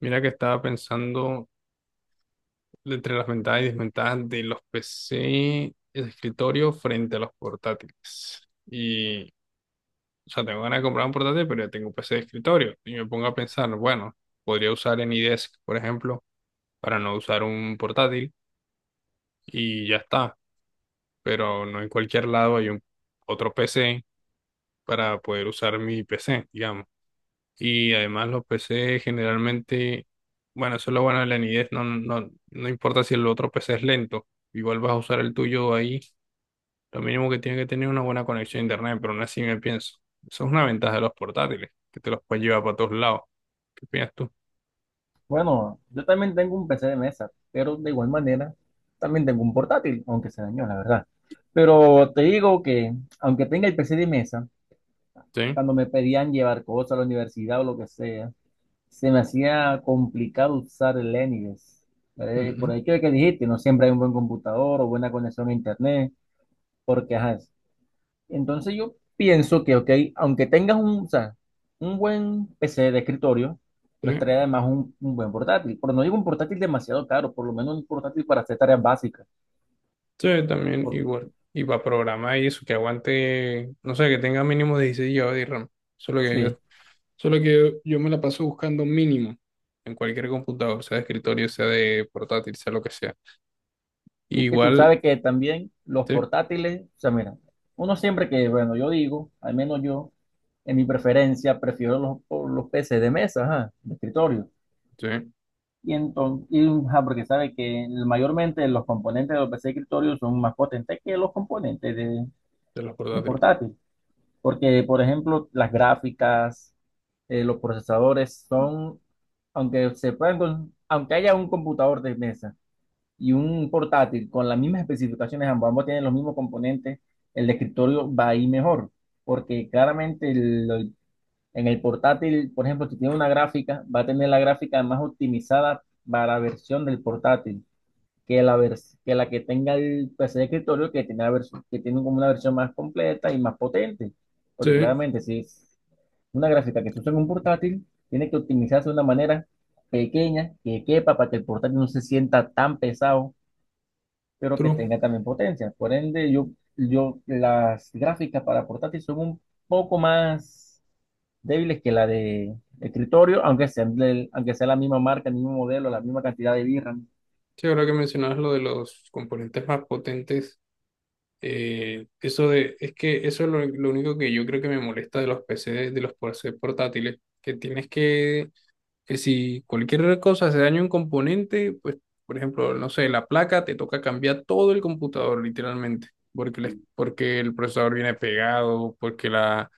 Mira que estaba pensando entre las ventajas y desventajas de los PC de escritorio frente a los portátiles. O sea, tengo ganas de comprar un portátil, pero ya tengo un PC de escritorio. Y me pongo a pensar, bueno, podría usar AnyDesk, por ejemplo, para no usar un portátil y ya está. Pero no en cualquier lado hay un otro PC para poder usar mi PC, digamos. Y además los PC generalmente, bueno, eso es lo bueno de la nidez, no importa si el otro PC es lento, igual vas a usar el tuyo ahí, lo mínimo que tiene que tener una buena conexión a internet, pero aún así me pienso, eso es una ventaja de los portátiles, que te los puedes llevar para todos lados. ¿Qué opinas tú? Bueno, yo también tengo un PC de mesa, pero de igual manera también tengo un portátil, aunque se dañó, la verdad. Pero te digo que, aunque tenga el PC de mesa, Sí. cuando me pedían llevar cosas a la universidad o lo que sea, se me hacía complicado usar el Linux. Por Ujú. ahí que dijiste, no siempre hay un buen computador o buena conexión a internet, porque ajá, entonces yo pienso que, ok, aunque tengas o sea, un buen PC de escritorio, no Sí. estaría además un buen portátil. Pero no digo un portátil demasiado caro, por lo menos un portátil para hacer tareas básicas. Sí, también Por- igual. Y para programar y eso, que aguante, no sé, que tenga mínimo 16 GB de RAM. Solo que yo, sí. solo que yo me la paso buscando mínimo en cualquier computador, sea de escritorio, sea de portátil, sea lo que sea. Y es que tú Igual, sabes que también los sí, portátiles, o sea, mira, uno siempre que, bueno, yo digo, al menos yo, en mi preferencia, prefiero por los PC de mesa, ajá, de escritorio. sí, de Y entonces, porque sabe que mayormente los componentes de los PC de escritorio son más potentes que los componentes de, los de portátiles. portátil. Porque, por ejemplo, las gráficas, los procesadores son, aunque se puedan con- aunque haya un computador de mesa y un portátil con las mismas especificaciones, ambos tienen los mismos componentes, el de escritorio va a ir mejor, porque claramente en el portátil, por ejemplo, si tiene una gráfica, va a tener la gráfica más optimizada para la versión del portátil que la que tenga el PC de escritorio, que tiene, que tiene como una versión más completa y más potente. Sí, Porque claramente, si es una gráfica que se usa en un portátil, tiene que optimizarse de una manera pequeña, que quepa para que el portátil no se sienta tan pesado, pero que true. tenga también potencia. Por ende, yo las gráficas para portátil son un poco más débiles que la de escritorio, aunque sea la misma marca, el mismo modelo, la misma cantidad de VRAM. Sí, ahora que mencionabas lo de los componentes más potentes, eso de, es que eso es lo único que yo creo que me molesta de los PC portátiles, que tienes que si cualquier cosa se daña un componente, pues, por ejemplo, no sé, la placa, te toca cambiar todo el computador, literalmente, porque, porque el procesador viene pegado, porque la,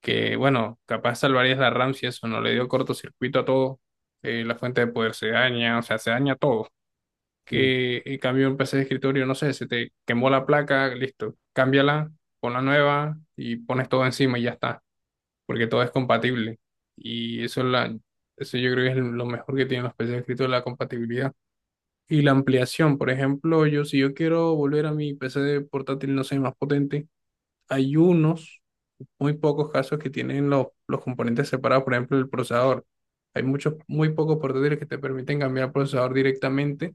que, bueno, capaz salvarías la RAM si eso no le dio cortocircuito a todo, la fuente de poder se daña, o sea, se daña todo. Sí. Que en cambio un PC de escritorio, no sé, se te quemó la placa, listo, cámbiala, pon la nueva y pones todo encima y ya está porque todo es compatible. Y eso, eso yo creo que es lo mejor que tienen los PCs escritos, la compatibilidad. Y la ampliación, por ejemplo, yo si yo quiero volver a mi PC de portátil, no sé, más potente, hay unos, muy pocos casos que tienen los componentes separados, por ejemplo, el procesador. Hay muchos, muy pocos portátiles que te permiten cambiar el procesador directamente,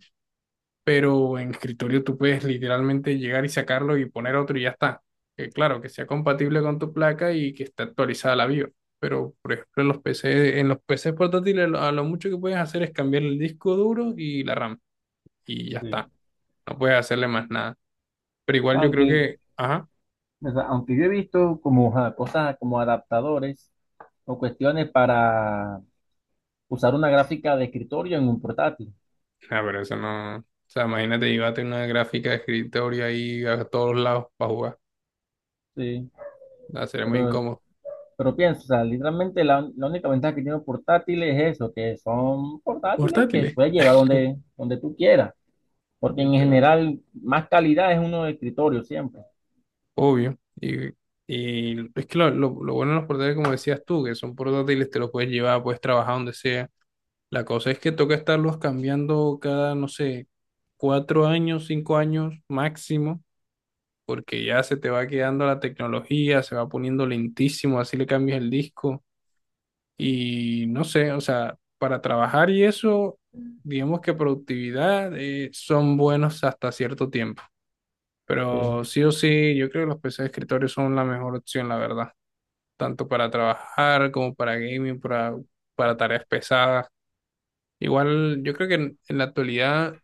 pero en escritorio tú puedes literalmente llegar y sacarlo y poner otro y ya está. Que claro, que sea compatible con tu placa y que esté actualizada la BIOS. Pero, por ejemplo, en los PCs portátiles, a lo mucho que puedes hacer es cambiar el disco duro y la RAM. Y ya Sí. está. No puedes hacerle más nada. Pero igual yo creo Aunque que, ajá, O sea, aunque yo he visto como ajá, cosas como adaptadores o cuestiones para usar una gráfica de escritorio en un portátil, ah, pero eso no. O sea, imagínate, llévate una gráfica de escritorio ahí a todos lados para jugar. sí, Va a ser muy pero, incómodo. pero pienso, o sea, literalmente la única ventaja que tiene un portátil es eso, que son portátiles que Portátiles, puedes llevar donde tú quieras, porque en literal. general más calidad es uno de escritorio siempre. Obvio. Y es que lo bueno de los portátiles, como decías tú, que son portátiles, te los puedes llevar, puedes trabajar donde sea. La cosa es que toca estarlos cambiando cada, no sé, cuatro años, cinco años máximo, porque ya se te va quedando la tecnología, se va poniendo lentísimo, así le cambias el disco. Y no sé, o sea, para trabajar y eso, digamos que productividad, son buenos hasta cierto tiempo. Sí, Pero sí o sí, yo creo que los PC de escritorio son la mejor opción, la verdad. Tanto para trabajar como para gaming, para tareas pesadas. Igual, yo creo que en la actualidad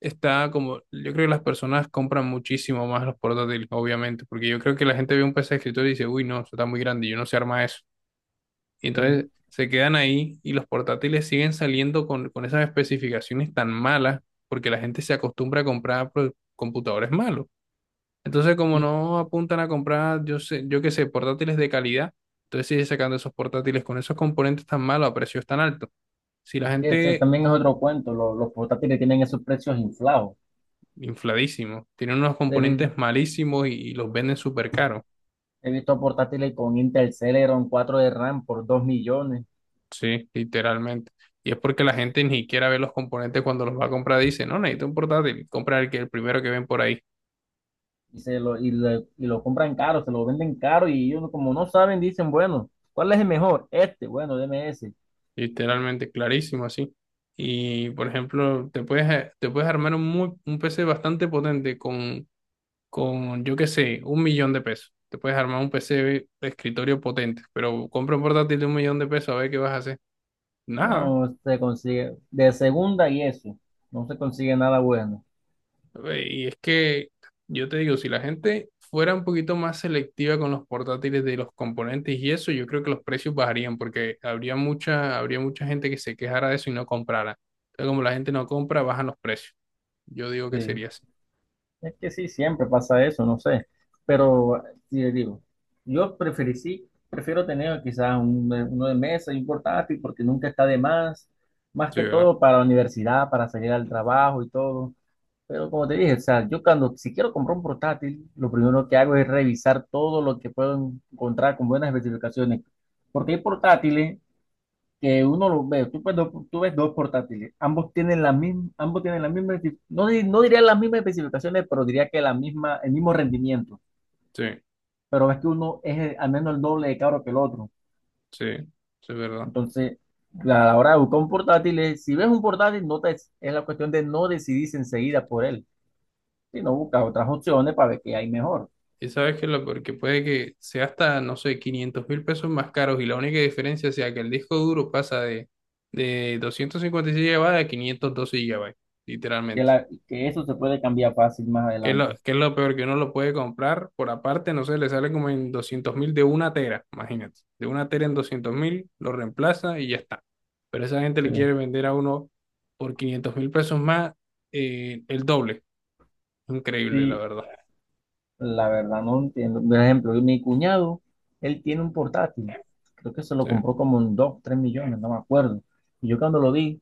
está como, yo creo que las personas compran muchísimo más los portátiles, obviamente, porque yo creo que la gente ve un PC de escritorio y dice, uy, no, eso está muy grande, yo no sé armar eso. Y sí. entonces se quedan ahí y los portátiles siguen saliendo con esas especificaciones tan malas porque la gente se acostumbra a comprar pues, computadores malos. Entonces, como Y no apuntan a comprar, yo sé, yo qué sé, portátiles de calidad, entonces sigue sacando esos portátiles con esos componentes tan malos a precios tan altos. Si la que ese gente, también es otro cuento, los portátiles tienen esos precios inflados. infladísimo, tiene unos He, vi- componentes malísimos y los venden súper caros, He visto portátiles con Intel Celeron 4 de RAM por 2 millones. sí, literalmente. Y es porque la Es- gente ni siquiera ve los componentes cuando los va a comprar, dice, no, necesito un portátil, compra el que, el primero que ven por ahí, y lo compran caro, se lo venden caro y ellos como no saben, dicen, bueno, ¿cuál es el mejor? Este, bueno, deme ese. literalmente, clarísimo así. Y, por ejemplo, te puedes armar un PC bastante potente con, yo qué sé, un millón de pesos. Te puedes armar un PC de escritorio potente, pero compra un portátil de un millón de pesos a ver qué vas a hacer. Nada. No se consigue de segunda y eso. No se consigue nada bueno. Y es que yo te digo, si la gente fuera un poquito más selectiva con los portátiles de los componentes y eso, yo creo que los precios bajarían porque habría mucha gente que se quejara de eso y no comprara. Entonces, como la gente no compra, bajan los precios. Yo digo que Sí. sería así. Es que sí, siempre pasa eso, no sé. Pero sí le digo, sí, prefiero tener quizás uno de mesa y un portátil porque nunca está de más. Más Sí, que ¿verdad? todo para la universidad, para salir al trabajo y todo. Pero como te dije, o sea, yo cuando si quiero comprar un portátil, lo primero que hago es revisar todo lo que puedo encontrar con buenas especificaciones. Porque hay portátiles que uno los ve, tú ves dos portátiles, ambos tienen la misma, no diría las mismas especificaciones, pero diría que la misma, el mismo rendimiento. Sí, Pero ves que uno es al menos el doble de caro que el otro. sí, sí, es verdad. Entonces, a la hora de buscar un portátil, si ves un portátil, no te, es la cuestión de no decidirse enseguida por él, sino buscar otras opciones para ver qué hay mejor. Y sabes que lo porque puede que sea hasta, no sé, 500.000 pesos más caros y la única diferencia sea que el disco duro pasa de 256 GB a 512 GB, que, literalmente. la, que eso se puede cambiar fácil más Que es lo, adelante. que es lo peor, que uno lo puede comprar por aparte, no sé, le sale como en 200.000 de una tera, imagínate. De una tera en 200.000, lo reemplaza y ya está. Pero esa gente le Sí, quiere vender a uno por 500.000 pesos más, el doble. Increíble, la sí, verdad. la verdad no entiendo. Por ejemplo, mi cuñado, él tiene un portátil. Creo que se lo Sí. compró como en 2 3 millones, no me acuerdo. Y yo cuando lo vi,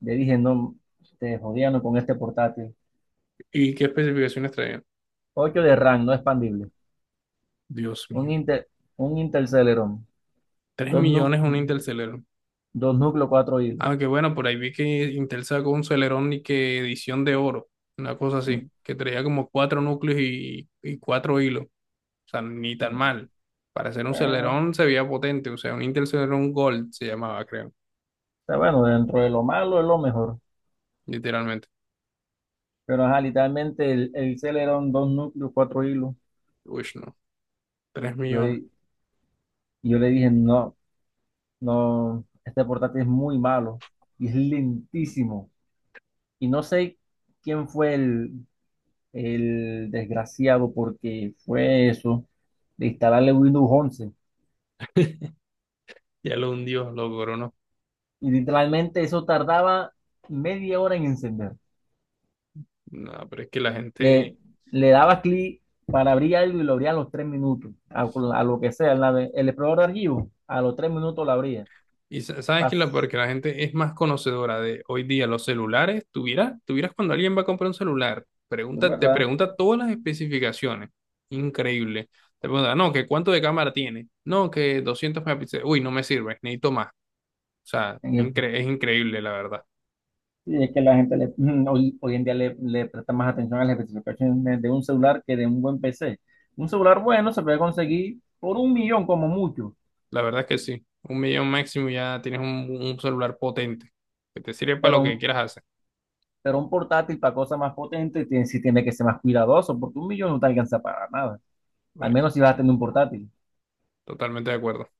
le dije, no, te jodían con este portátil. ¿Y qué especificaciones traían? 8 de RAM, no expandible. Dios Un mío. Intel, un Intel Celeron. tres Dos, nu- millones un Interceler. 2 núcleos, 4 hilos. Aunque bueno, por ahí vi que Intel sacó un Celerón y que edición de oro, una cosa así, Mi- que traía como cuatro núcleos y cuatro hilos. O sea, ni tan mal. Para hacer un Bueno, Celerón se veía potente, o sea, un Intel Celeron Gold se llamaba, creo, está bueno, dentro de lo malo es lo mejor. literalmente. Pero ajá, literalmente el Celeron, 2 núcleos, 4 hilos. Uy, no, 3 Yo, millones. Y yo le dije, no, no, este portátil es muy malo y es lentísimo. Y no sé quién fue el desgraciado porque fue eso, de instalarle Windows 11. Ya lo hundió, lo coronó. Y literalmente eso tardaba media hora en encender. No, pero es que la gente. Le, le daba clic para abrir algo y lo abría a los 3 minutos, a lo que sea, el explorador de archivos, a los 3 minutos lo abría. Sabes que la Pas- porque la gente es más conocedora de hoy día los celulares. Tuvieras, tuvieras cuando alguien va a comprar un celular, Es pregunta, te verdad. pregunta todas las especificaciones. Increíble. Te pregunta, no, que cuánto de cámara tiene. No, que 200 megapíxeles. Uy, no me sirve, necesito más. O sea, En el- es increíble, la verdad. Sí, es que la gente hoy en día le presta más atención a las especificaciones de un celular que de un buen PC. Un celular bueno se puede conseguir por un millón como mucho, La verdad es que sí. Un millón máximo y ya tienes un celular potente que te sirve para pero lo que quieras un, hacer. pero un portátil para cosas más potentes tiene, sí tiene que ser más cuidadoso, porque un millón no te alcanza para nada, al Vaya, menos si vas a tener un portátil. totalmente de acuerdo.